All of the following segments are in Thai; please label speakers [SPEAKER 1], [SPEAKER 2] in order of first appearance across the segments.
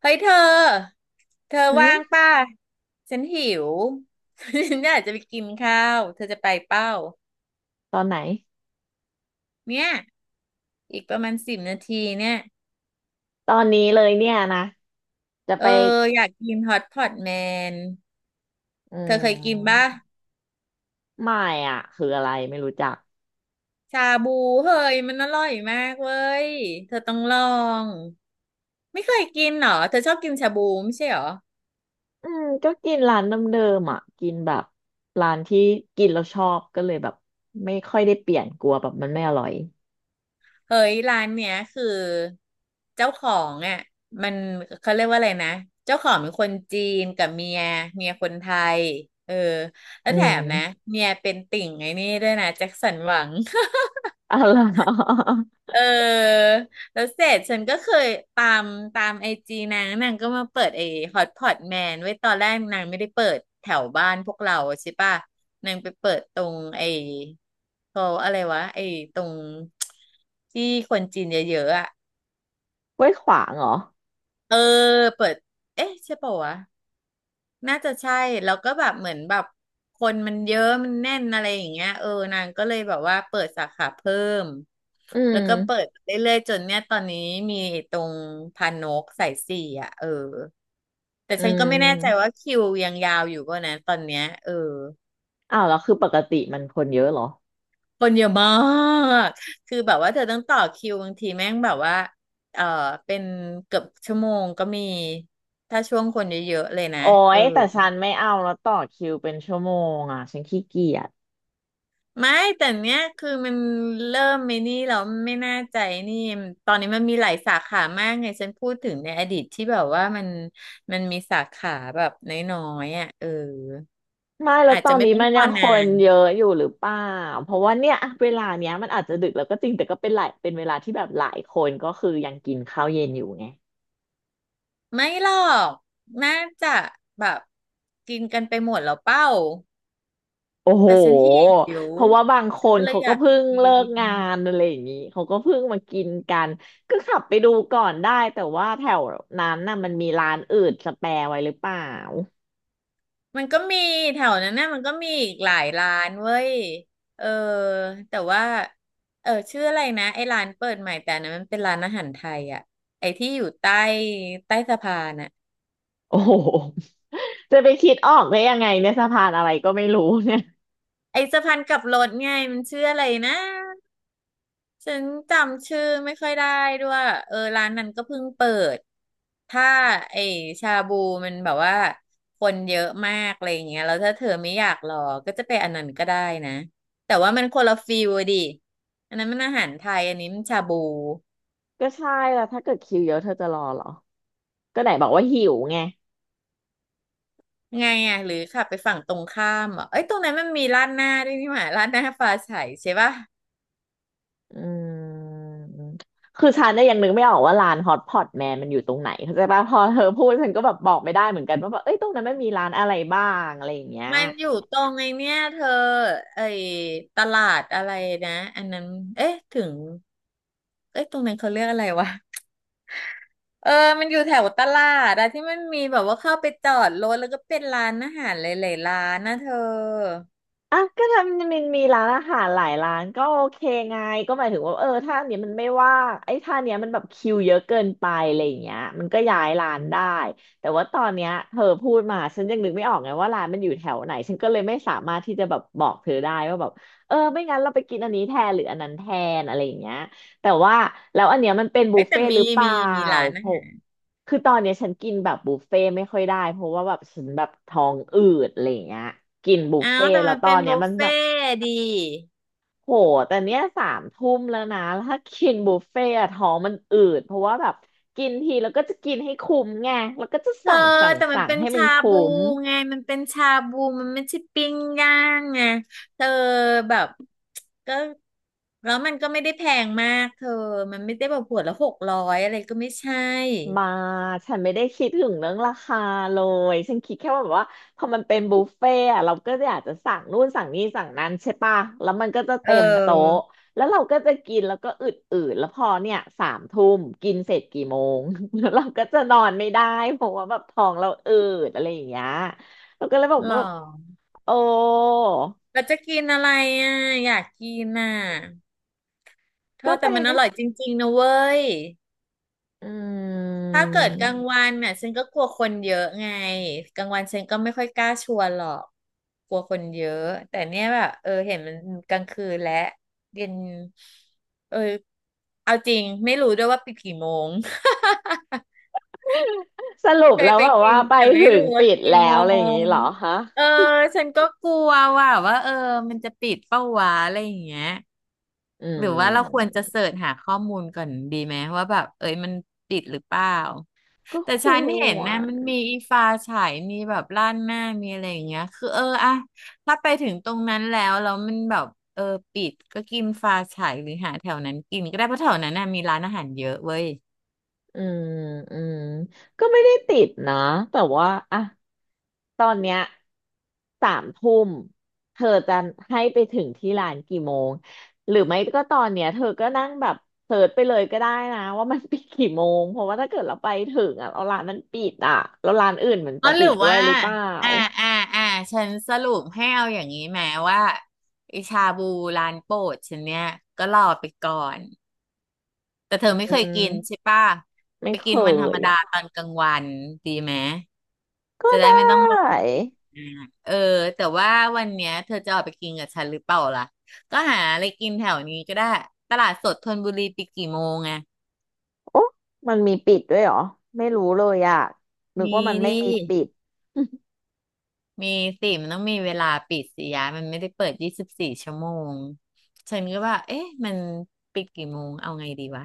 [SPEAKER 1] เฮ้ยเธอ เธอ
[SPEAKER 2] หื
[SPEAKER 1] ว่าง
[SPEAKER 2] ม
[SPEAKER 1] ป่ะฉันหิว ฉันอยากจะไปกินข้าวเธอจะไปเป้า
[SPEAKER 2] ตอนไหน
[SPEAKER 1] เนี่ยอีกประมาณ10 นาทีเนี่ย
[SPEAKER 2] ตอนนี้เลยเนี่ยนะจะ
[SPEAKER 1] เออ
[SPEAKER 2] ไป
[SPEAKER 1] อยากกินฮอตพอตแมน
[SPEAKER 2] อื
[SPEAKER 1] เธอเคยกินป่ะ
[SPEAKER 2] มไม่อ่ะคืออะไรไม่รู้จัก
[SPEAKER 1] ชาบูเฮ้ยมันอร่อยมากเว้ยเธอต้องลองไม่เคยกินเหรอเธอชอบกินชาบูไม่ใช่เหรอ
[SPEAKER 2] อืมก็กินร้านเดิมๆอ่ะกินแบบร้านที่กินแล้วชอบก็เลยแบบไม่ค่อยได้เปลี่ยนกลัวแบบมันไม่อร่อย
[SPEAKER 1] เฮ้ยร้านเนี้ยคือเจ้าของอ่ะมันเขาเรียกว่าอะไรนะเจ้าของเป็นคนจีนกับเมียเมียคนไทยเออแล้
[SPEAKER 2] อื
[SPEAKER 1] วแถมนะ
[SPEAKER 2] ม
[SPEAKER 1] เมียเป็นติ่งไอ้นี่ด้วยนะแจ็คสันหวัง
[SPEAKER 2] อะไรอ
[SPEAKER 1] เออแล้วเสร็จฉันก็เคยตามตามไอจีนางก็มาเปิดไอฮอตพอตแมนไว้ตอนแรกนางไม่ได้เปิดแถวบ้านพวกเราใช่ปะนางไปเปิดตรงไอเขาอะไรวะไอตรงที่คนจีนเยอะๆอ่ะ
[SPEAKER 2] ไว้ ขวางเหรอ
[SPEAKER 1] เออเปิดเอ๊ะใช่ปะววะน่าจะใช่แล้วก็แบบเหมือนแบบคนมันเยอะมันแน่นอะไรอย่างเงี้ยเออนางก็เลยแบบว่าเปิดสาขาเพิ่ม
[SPEAKER 2] อื
[SPEAKER 1] แล้วก็เปิ
[SPEAKER 2] ม
[SPEAKER 1] ดเรื่อยๆจนเนี่ยตอนนี้มีตรงพานกสายสี่อ่ะเออแต่
[SPEAKER 2] อื
[SPEAKER 1] ฉันก็ไม่แน่ใจว่า
[SPEAKER 2] ม
[SPEAKER 1] คิวยังยาวอยู่ป่ะนะตอนเนี้ยเออ
[SPEAKER 2] อ้าวแล้วคือปกติมันคนเยอะเหรอ
[SPEAKER 1] คนเยอะมากคือแบบว่าเธอต้องต่อคิวบางทีแม่งแบบว่าเออเป็นเกือบชั่วโมงก็มีถ้าช่วงคนเยอะๆเลยนะ
[SPEAKER 2] โอ้
[SPEAKER 1] เออ
[SPEAKER 2] ยแต่ฉันไม่เอาแล้วต่อคิวเป็นชั่วโมงอ่ะฉันขี้เกียจ
[SPEAKER 1] ไม่แต่เนี้ยคือมันเริ่มไม่นี่เราไม่น่าใจนี่ตอนนี้มันมีหลายสาขามากไงฉันพูดถึงในอดีตที่แบบว่ามันมีสาขาแบบน้อยๆอ่ะเออ
[SPEAKER 2] ไม่แล้ว
[SPEAKER 1] อาจ
[SPEAKER 2] ตอ
[SPEAKER 1] จะ
[SPEAKER 2] น
[SPEAKER 1] ไม่
[SPEAKER 2] นี้
[SPEAKER 1] ต้อง
[SPEAKER 2] มัน
[SPEAKER 1] ร
[SPEAKER 2] ยั
[SPEAKER 1] อ
[SPEAKER 2] งค
[SPEAKER 1] นา
[SPEAKER 2] น
[SPEAKER 1] น
[SPEAKER 2] เยอะอยู่หรือเปล่าเพราะว่าเนี่ยอะเวลาเนี้ยมันอาจจะดึกแล้วก็จริงแต่ก็เป็นเวลาที่แบบหลายคนก็คือยังกินข้าวเย็นอยู่ไง
[SPEAKER 1] ไม่หรอกน่าจะแบบกินกันไปหมดแล้วเป้า
[SPEAKER 2] โอ้โห
[SPEAKER 1] แต่ฉันหิว
[SPEAKER 2] เพราะว่าบางค
[SPEAKER 1] ฉัน
[SPEAKER 2] น
[SPEAKER 1] ก็เลย
[SPEAKER 2] เขา
[SPEAKER 1] อ
[SPEAKER 2] ก็
[SPEAKER 1] ยาก
[SPEAKER 2] เพิ่ง
[SPEAKER 1] กิ
[SPEAKER 2] เลิก
[SPEAKER 1] น
[SPEAKER 2] งานอะไรอย่างนี้เขาก็เพิ่งมากินกันก็ขับไปดูก่อนได้แต่ว่าแถวนั้นน่ะมันมีร้านอื่นสแปร์ไว้หรือเปล่า
[SPEAKER 1] มันก็มีแถวนั้นนะมันก็มีอีกหลายร้านเว้ยเออแต่ว่าเออชื่ออะไรนะไอ้ร้านเปิดใหม่แต่อันนั้นมันเป็นร้านอาหารไทยอ่ะไอ้ที่อยู่ใต้สะพานอ่ะ
[SPEAKER 2] โอ้โหจะไปคิดออกได้ยังไงเนี่ยสะพานอะไรก็ไม่รู้เนี่ย
[SPEAKER 1] ไอ้สะพานกลับรถไงมันชื่ออะไรนะ ฉันจำชื่อไม่ค่อยได้ด้วยเออร้านนั้นก็เพิ่งเปิดถ้าไอชาบูมันแบบว่าคนเยอะมากอะไรอย่างเงี้ยแล้วถ้าเธอไม่อยากรอก็จะไปอันนั้นก็ได้นะแต่ว่ามันคนละฟิลอะดิอันนั้นมันอาหารไทยอันนี้มันชาบู
[SPEAKER 2] ก็ใช่แล้วถ้าเกิดคิวเยอะเธอจะรอเหรอก็ไหนบอกว่าหิวไง
[SPEAKER 1] ไงอ่ะหรือขับไปฝั่งตรงข้ามอ่ะเอ้ยตรงนั้นมันมีร้านหน้าด้วยนี่หว่าร้านหน้าฟ้าใสใช่ปะ
[SPEAKER 2] อืม คือฉันเนี่ยยังนึกไม่ออกว่าร้านฮอตพอตแมนมันอยู่ตรงไหนเข้าใจป่ะพอเธอพูดฉันก็แบบบอกไม่ได้เหมือนกันว่าแบบเอ้ยตรงนั้นมันมีร้านอะไรบ้างอะไรอย่างเงี้ย
[SPEAKER 1] มันอยู่ตรงไอ้เนี่ยเธอไอ้ตลาดอะไรนะอันนั้นเอ๊ะถึงเอ๊ะตรงนั้นเขาเรียกอะไรวะเออมันอยู่แถวตลาดอะที่มันมีแบบว่าเข้าไปจอดรถแล้วก็เป็นร้านอาหารหลายๆร้านนะเธอ
[SPEAKER 2] อ่ะก็ทำมันมีร้านอาหารหลายร้านก็โอเคไงก็หมายถึงว่าเออถ้าอันเนี้ยมันไม่ว่างไอ้ถ้าอันเนี้ยมันแบบคิวเยอะเกินไปอะไรอย่างเงี้ยมันก็ย้ายร้านได้แต่ว่าตอนเนี้ยเธอพูดมาฉันยังนึกไม่ออกไงว่าร้านมันอยู่แถวไหนฉันก็เลยไม่สามารถที่จะแบบบอกเธอได้ว่าแบบเออไม่งั้นเราไปกินอันนี้แทนหรืออันนั้นแทนอะไรอย่างเงี้ย แต่ว่าแล้วอันเนี้ยมันเป็นบุฟ
[SPEAKER 1] เอ๊ะแต่
[SPEAKER 2] เฟ่ต์หรือเปล่า
[SPEAKER 1] มีมีร้าน
[SPEAKER 2] เพ
[SPEAKER 1] อา
[SPEAKER 2] ราะ
[SPEAKER 1] หาร
[SPEAKER 2] คือตอนเนี้ยฉันกินแบบบุฟเฟ่ต์ไม่ค่อยได้เพราะว่าแบบฉันแบบท้องอืดอะไรอย่างเงี้ยกินบุฟ
[SPEAKER 1] อ้า
[SPEAKER 2] เฟ่
[SPEAKER 1] ว
[SPEAKER 2] ต์
[SPEAKER 1] แต่
[SPEAKER 2] แล้
[SPEAKER 1] มั
[SPEAKER 2] ว
[SPEAKER 1] น
[SPEAKER 2] ตอ
[SPEAKER 1] เป็น
[SPEAKER 2] นเนี้
[SPEAKER 1] บุ
[SPEAKER 2] ย
[SPEAKER 1] ฟ
[SPEAKER 2] มันแบ
[SPEAKER 1] เฟ่
[SPEAKER 2] บ
[SPEAKER 1] ต์ดี
[SPEAKER 2] โหแต่เนี้ยสามทุ่มแล้วนะแล้วถ้ากินบุฟเฟ่ต์อะท้องมันอืดเพราะว่าแบบกินทีแล้วก็จะกินให้คุ้มไงแล้วก็จะ
[SPEAKER 1] เธอ
[SPEAKER 2] สั่งสั่ง
[SPEAKER 1] แต่มัน
[SPEAKER 2] สั่ง
[SPEAKER 1] เป็น
[SPEAKER 2] ให้มัน
[SPEAKER 1] ชา
[SPEAKER 2] คุ้
[SPEAKER 1] บู
[SPEAKER 2] ม
[SPEAKER 1] ไงมันเป็นชาบูมันไม่ใช่ปิ้งย่างไงเธอแบบก็แล้วมันก็ไม่ได้แพงมากเธอมันไม่ได้แบบหัวละ600อะไรก็ไม่ใช่
[SPEAKER 2] มาฉันไม่ได้คิดถึงเรื่องราคาเลยฉันคิดแค่ว่าแบบว่าพอมันเป็นบุฟเฟ่ต์อะเราก็อยากจะสั่งนู่นสั่งนี่สั่งนั้นใช่ปะแล้วมันก็จะ
[SPEAKER 1] เ
[SPEAKER 2] เต็มโต๊ะ
[SPEAKER 1] ออ
[SPEAKER 2] แล้วเราก็จะกินแล้วก็อืดอืดแล้วพอเนี่ยสามทุ่มกินเสร็จกี่โมง แล้วเราก็จะนอนไม่ได้เพราะว่าแบบท้องเราอืดอะไรอย่างเงี้ยเราก็เลยบอก
[SPEAKER 1] หรอ
[SPEAKER 2] ว่าแบบโอ้
[SPEAKER 1] เราจะกินอะไรอ่ะอยากกินอ่ะเธ
[SPEAKER 2] ก็
[SPEAKER 1] อ
[SPEAKER 2] ไป
[SPEAKER 1] แต่มันอ
[SPEAKER 2] ดิ
[SPEAKER 1] ร่อยจริงๆนะเว้ย
[SPEAKER 2] อื
[SPEAKER 1] ถ้าเกิดกลาง
[SPEAKER 2] ม
[SPEAKER 1] วันน่ะฉันก็กลัวคนเยอะไงกลางวันฉันก็ไม่ค่อยกล้าชวนหรอกกลัวคนเยอะแต่เนี้ยแบบเออเห็นมันกลางคืนและเย็นเออเอาจริงไม่รู้ด้วยว่าปิดกี่โมง
[SPEAKER 2] สรุ ป
[SPEAKER 1] เค
[SPEAKER 2] แล้
[SPEAKER 1] ย
[SPEAKER 2] ว
[SPEAKER 1] ไป
[SPEAKER 2] แบบ
[SPEAKER 1] กิ
[SPEAKER 2] ว่า
[SPEAKER 1] น
[SPEAKER 2] ไป
[SPEAKER 1] แต่ไม่
[SPEAKER 2] ถึง
[SPEAKER 1] รู้ว่า
[SPEAKER 2] ปิด
[SPEAKER 1] กี่
[SPEAKER 2] แล้
[SPEAKER 1] โม
[SPEAKER 2] วอะไรอย่างงี้
[SPEAKER 1] ง
[SPEAKER 2] เหรอฮะ
[SPEAKER 1] เออฉันก็กลัวว่าว่าเออมันจะปิดเป้าวะอะไรอย่างเงี้ย
[SPEAKER 2] อื
[SPEAKER 1] หรือว่าเราควรจะ
[SPEAKER 2] ม
[SPEAKER 1] เสิร์ชหาข้อมูลก่อนดีไหมว่าแบบเอ้ยมันติดหรือเปล่า
[SPEAKER 2] ก็
[SPEAKER 1] แต่
[SPEAKER 2] ค
[SPEAKER 1] ฉันเห็น
[SPEAKER 2] ว
[SPEAKER 1] นะ
[SPEAKER 2] ร
[SPEAKER 1] มันมีอีฟ้าฉายมีแบบล้านหน้ามีอะไรอย่างเงี้ยคือเอออะถ้าไปถึงตรงนั้นแล้วมันแบบเออปิดก็กินฟ้าฉายหรือหาแถวนั้นกินก็ได้เพราะแถวนั้นน่ะมีร้านอาหารเยอะเว้ย
[SPEAKER 2] อืมอืมก็ไม่ได้ติดนะ แต่ว่าอะตอนเนี้ยสามทุ่มเธอจะให้ไปถึงที่ร้านกี่โมงหรือไม่ก็ตอนเนี้ยเธอก็นั่งแบบเสิร์ชไปเลยก็ได้นะว่ามันปิดกี่โมงเพราะว่าถ้าเกิดเราไปถึงอ่ะเราร้านนั้นปิดอ่ะแล้วร้านอื่นมัน
[SPEAKER 1] อ๋
[SPEAKER 2] จะ
[SPEAKER 1] อห
[SPEAKER 2] ปิ
[SPEAKER 1] รือ
[SPEAKER 2] ดด้วย
[SPEAKER 1] ว่า
[SPEAKER 2] หรือเปล่า
[SPEAKER 1] อ่าอ่าอ่าฉันสรุปให้เอาอย่างนี้แม้ว่าไอชาบูร้านโปรดฉันเนี่ยก็รอไปก่อน แต่เธอ
[SPEAKER 2] อื
[SPEAKER 1] ไม่เคยกินใช่
[SPEAKER 2] ม
[SPEAKER 1] ป่ะ
[SPEAKER 2] ไม่
[SPEAKER 1] ไป
[SPEAKER 2] เค
[SPEAKER 1] กินวันธรร
[SPEAKER 2] ย
[SPEAKER 1] มดา
[SPEAKER 2] อ่ะ
[SPEAKER 1] ตอนกลางวันดีไหม
[SPEAKER 2] ก็
[SPEAKER 1] จะได้
[SPEAKER 2] ได้
[SPEAKER 1] ไม่ต้องรอกินนานเออแต่ว่าวันเนี้ยเธอจะออกไปกินกับฉันหรือเปล่าล่ะก็หาอะไรกินแถวนี้ก็ได้ตลาดสดธนบุรีปิดกี่โมงอะ
[SPEAKER 2] โอ้มันมีปิดด้วยเหรอ ไม่รู้เลยอ่ะนึก
[SPEAKER 1] มี
[SPEAKER 2] ว่ามันไม่
[SPEAKER 1] ดิ
[SPEAKER 2] มีปิด
[SPEAKER 1] มีสิมันต้องมีเวลาปิดสิยะมันไม่ได้เปิด24 ชั่วโมง ฉันก็ว่าเอ๊ะมันปิดกี่โมง เอาไงดีวะ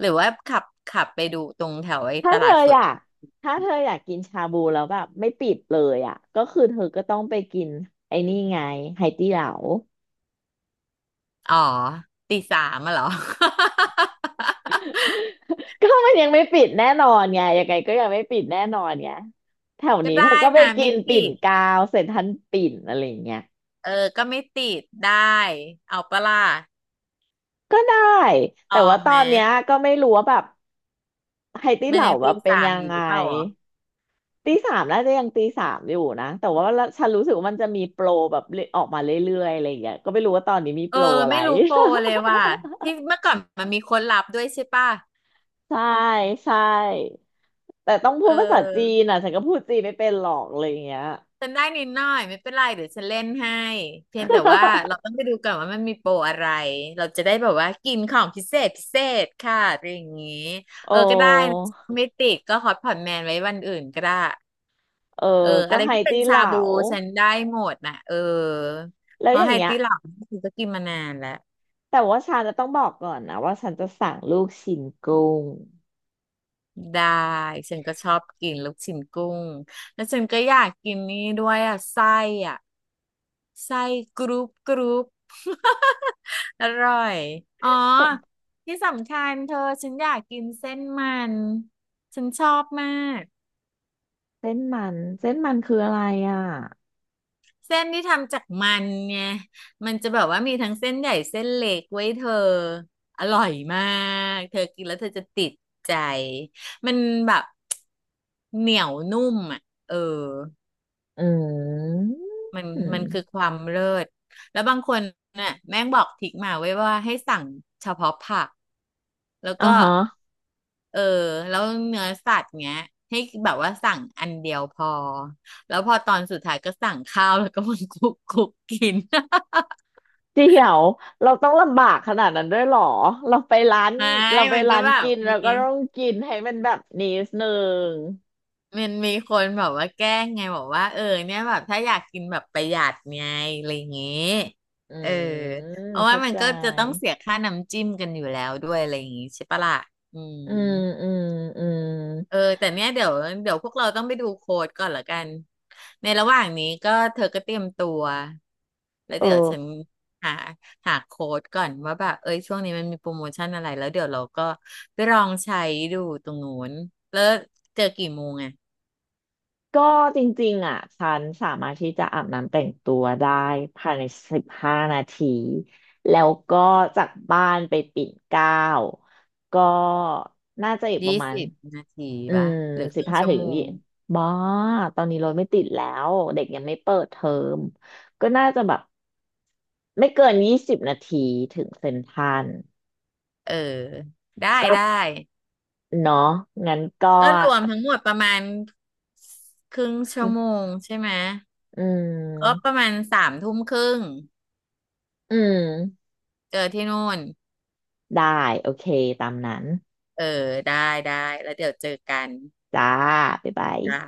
[SPEAKER 1] หรือว่าขับไปดูตรงแถวไอ้
[SPEAKER 2] ถ้า
[SPEAKER 1] ต
[SPEAKER 2] เธ
[SPEAKER 1] ลา
[SPEAKER 2] อ
[SPEAKER 1] ดส
[SPEAKER 2] อ
[SPEAKER 1] ด
[SPEAKER 2] ยากถ้าเธออยากกินชาบูแล้วแบบไม่ปิดเลยอ่ะก็คือเธอก็ต้องไปกินไอ้นี่ไงไหตี้เหลา
[SPEAKER 1] อ๋อตีสามอะเหรอ
[SPEAKER 2] ก็มันยังไม่ปิดแน่นอนไงยังไงก็ยังไม่ปิดแน่นอนไงแถว
[SPEAKER 1] ก็
[SPEAKER 2] นี้เธอ
[SPEAKER 1] ได้
[SPEAKER 2] ก็ไป
[SPEAKER 1] นะ
[SPEAKER 2] กิ
[SPEAKER 1] ไม่
[SPEAKER 2] นปิ่
[SPEAKER 1] ติ
[SPEAKER 2] น
[SPEAKER 1] ด
[SPEAKER 2] กาวเซ็นทรัลปิ่นอะไรอย่างเงี้ย
[SPEAKER 1] เออก็ไม่ติดได้เอาปะล่ะ
[SPEAKER 2] ก็ได้
[SPEAKER 1] ต
[SPEAKER 2] แต่
[SPEAKER 1] อ
[SPEAKER 2] ว่า
[SPEAKER 1] ง
[SPEAKER 2] ตอ
[SPEAKER 1] ไหม
[SPEAKER 2] นเนี้ยก็ไม่รู้ว่าแบบไฮตี้
[SPEAKER 1] มั
[SPEAKER 2] เห
[SPEAKER 1] น
[SPEAKER 2] ลา
[SPEAKER 1] ยัง
[SPEAKER 2] แบ
[SPEAKER 1] ตี
[SPEAKER 2] บเป็น
[SPEAKER 1] สาม
[SPEAKER 2] ยั
[SPEAKER 1] อ
[SPEAKER 2] ง
[SPEAKER 1] ยู่
[SPEAKER 2] ไง
[SPEAKER 1] หรือเปล่าอ๋อ
[SPEAKER 2] ตีสามน่าจะยังตีสามอยู่นะแต่ว่าฉันรู้สึกว่ามันจะมีโปรแบบเรื่อยออกมาเรื่อยๆอะไรอย่างเงี้ยก็ไม่รู้ว่าตอนนี้มีโป
[SPEAKER 1] เออ
[SPEAKER 2] รอะไร
[SPEAKER 1] ไม่รู้โปรเลยว่ะที่เมื่อก่อนมันมีคนรับด้วยใช่ป่ะ
[SPEAKER 2] ใช่ใช่แต่ต้อง
[SPEAKER 1] เ
[SPEAKER 2] พูดภาษาจี
[SPEAKER 1] ออ
[SPEAKER 2] นอ่ะฉันก็พูดจีนไม่เป็นหรอกอะไรอย่างเงี้ย
[SPEAKER 1] ฉันได้นิดหน่อยไม่เป็นไรเดี๋ยวฉันเล่นให้เพียงแต่ว่าเราต้องไปดูก่อนว่ามันมีโปรอะไรเราจะได้แบบว่ากินของพิเศษพิเศษค่ะอะไรอย่างงี้
[SPEAKER 2] โอ้
[SPEAKER 1] เออก็ได้นะไม่ติดก็ฮอตพอตแมนไว้วันอื่นก็ได้
[SPEAKER 2] เอ
[SPEAKER 1] เออ
[SPEAKER 2] อก็
[SPEAKER 1] อะไร
[SPEAKER 2] ไฮ
[SPEAKER 1] ที่เป็น
[SPEAKER 2] ตี้
[SPEAKER 1] ชา
[SPEAKER 2] เหลา
[SPEAKER 1] บูฉันได้หมดน่ะเออ
[SPEAKER 2] แล้
[SPEAKER 1] เพ
[SPEAKER 2] วอ
[SPEAKER 1] ราะ
[SPEAKER 2] ย่า
[SPEAKER 1] ไฮ
[SPEAKER 2] งเงี้ย
[SPEAKER 1] ตี้หลังฉันก็กินมานานแล้ว
[SPEAKER 2] แต่ว่าฉันจะต้องบอกก่อนนะว่าฉันจะสั่งลูกชิ้นกุ้ง
[SPEAKER 1] ได้ฉันก็ชอบกินลูกชิ้นกุ้งแล้วฉันก็อยากกินนี่ด้วยอ่ะไส้อ่ะไส้กรุบกรุบอร่อยอ๋อ
[SPEAKER 2] เออ
[SPEAKER 1] ที่สำคัญเธอฉันอยากกินเส้นมันฉันชอบมาก
[SPEAKER 2] เส้นมันเส้นมันคืออะไรอ่ะ
[SPEAKER 1] เส้นที่ทำจากมันไงมันจะแบบว่ามีทั้งเส้นใหญ่เส้นเล็กไว้ยเธอ อร่อยมาก เธอกินแล้วเธอจะติดใจ มันแบบเหนียวนุ่มอ่ะ เออ
[SPEAKER 2] อืม
[SPEAKER 1] มัน
[SPEAKER 2] อื
[SPEAKER 1] มั
[SPEAKER 2] ม
[SPEAKER 1] นคือความเลิศ แล้วบางคนน่ะแม่งบอกทริกมาไว้ว่าให้สั่งเฉพาะผักแล้ว
[SPEAKER 2] อ่า
[SPEAKER 1] ก็
[SPEAKER 2] ฮะ
[SPEAKER 1] เออแล้วเนื้อสัตว์เงี้ยให้แบบว่าสั่งอันเดียวพอแล้วพอตอนสุดท้ายก็สั่งข้าวแล้วก็มัน คลุกคลุกกิน
[SPEAKER 2] เดี๋ยวเราต้องลำบากขนาดนั้นด้วยเหรอเราไปร้าน
[SPEAKER 1] ไม่
[SPEAKER 2] เราไป
[SPEAKER 1] มันก็
[SPEAKER 2] ร้าน
[SPEAKER 1] แบบ
[SPEAKER 2] กินเรา
[SPEAKER 1] มี
[SPEAKER 2] ก็ต้องกินให้มันแบบนี้นึง
[SPEAKER 1] มันมีคนแบบว่าแกล้งไงบอกว่าเออเนี่ยแบบถ้าอยากกินแบบประหยัดไงอะไรอย่างเงี้ย
[SPEAKER 2] อื
[SPEAKER 1] เออ
[SPEAKER 2] ม
[SPEAKER 1] เพราะว่า
[SPEAKER 2] เข้า
[SPEAKER 1] มัน
[SPEAKER 2] ใจ
[SPEAKER 1] ก็จะต้องเสียค่าน้ำจิ้มกันอยู่แล้วด้วยอะไรอย่างงี้ใช่ปะล่ะอืม
[SPEAKER 2] อืมอืมอืม
[SPEAKER 1] เออแต่เนี้ยเดี๋ยวพวกเราต้องไปดูโค้ดก่อนละกันในระหว่างนี้ก็เธอก็เตรียมตัวแล้ว
[SPEAKER 2] เอ
[SPEAKER 1] เดี๋ยวฉัน
[SPEAKER 2] อ
[SPEAKER 1] หาหาโค้ดก่อนว่าแบบเอ้ยช่วงนี้มันมีโปรโมชั่นอะไรแล้วเดี๋ยวเราก็ไปลองใช้ดูตรงนู้นแล้วเจอกี่โมงไง
[SPEAKER 2] ก็จริงๆอ่ะฉันสามารถที่จะอาบน้ำแต่งตัวได้ภายใน15 นาทีแล้วก็จากบ้านไปปิ่นเกล้าก็น่าจะอีกป
[SPEAKER 1] ยี่
[SPEAKER 2] ระมาณ
[SPEAKER 1] สิบนาที
[SPEAKER 2] อื
[SPEAKER 1] ป่ะ
[SPEAKER 2] ม
[SPEAKER 1] หรือค
[SPEAKER 2] สิบ
[SPEAKER 1] รึ่ง
[SPEAKER 2] ห้า
[SPEAKER 1] ชั่ว
[SPEAKER 2] ถึง
[SPEAKER 1] โม
[SPEAKER 2] ยี่
[SPEAKER 1] ง
[SPEAKER 2] บ้าตอนนี้รถไม่ติดแล้วเด็กยังไม่เปิดเทอมก็น่าจะแบบไม่เกิน20 นาทีถึงเซ็นทรัล
[SPEAKER 1] เออได้
[SPEAKER 2] ก็
[SPEAKER 1] ได้
[SPEAKER 2] เนาะงั้นก็
[SPEAKER 1] ก็รวมทั้งหมดประมาณครึ่งชั่วโมงใช่ไหม
[SPEAKER 2] อื
[SPEAKER 1] ก็ป
[SPEAKER 2] ม
[SPEAKER 1] ระมาณสามทุ่มครึ่ง
[SPEAKER 2] อืม
[SPEAKER 1] เจอที่นู่น
[SPEAKER 2] ได้โอเคตามนั้น
[SPEAKER 1] เออได้ได้แล้วเดี๋ยวเจอกัน
[SPEAKER 2] จ้าบ๊ายบาย
[SPEAKER 1] จ้ะ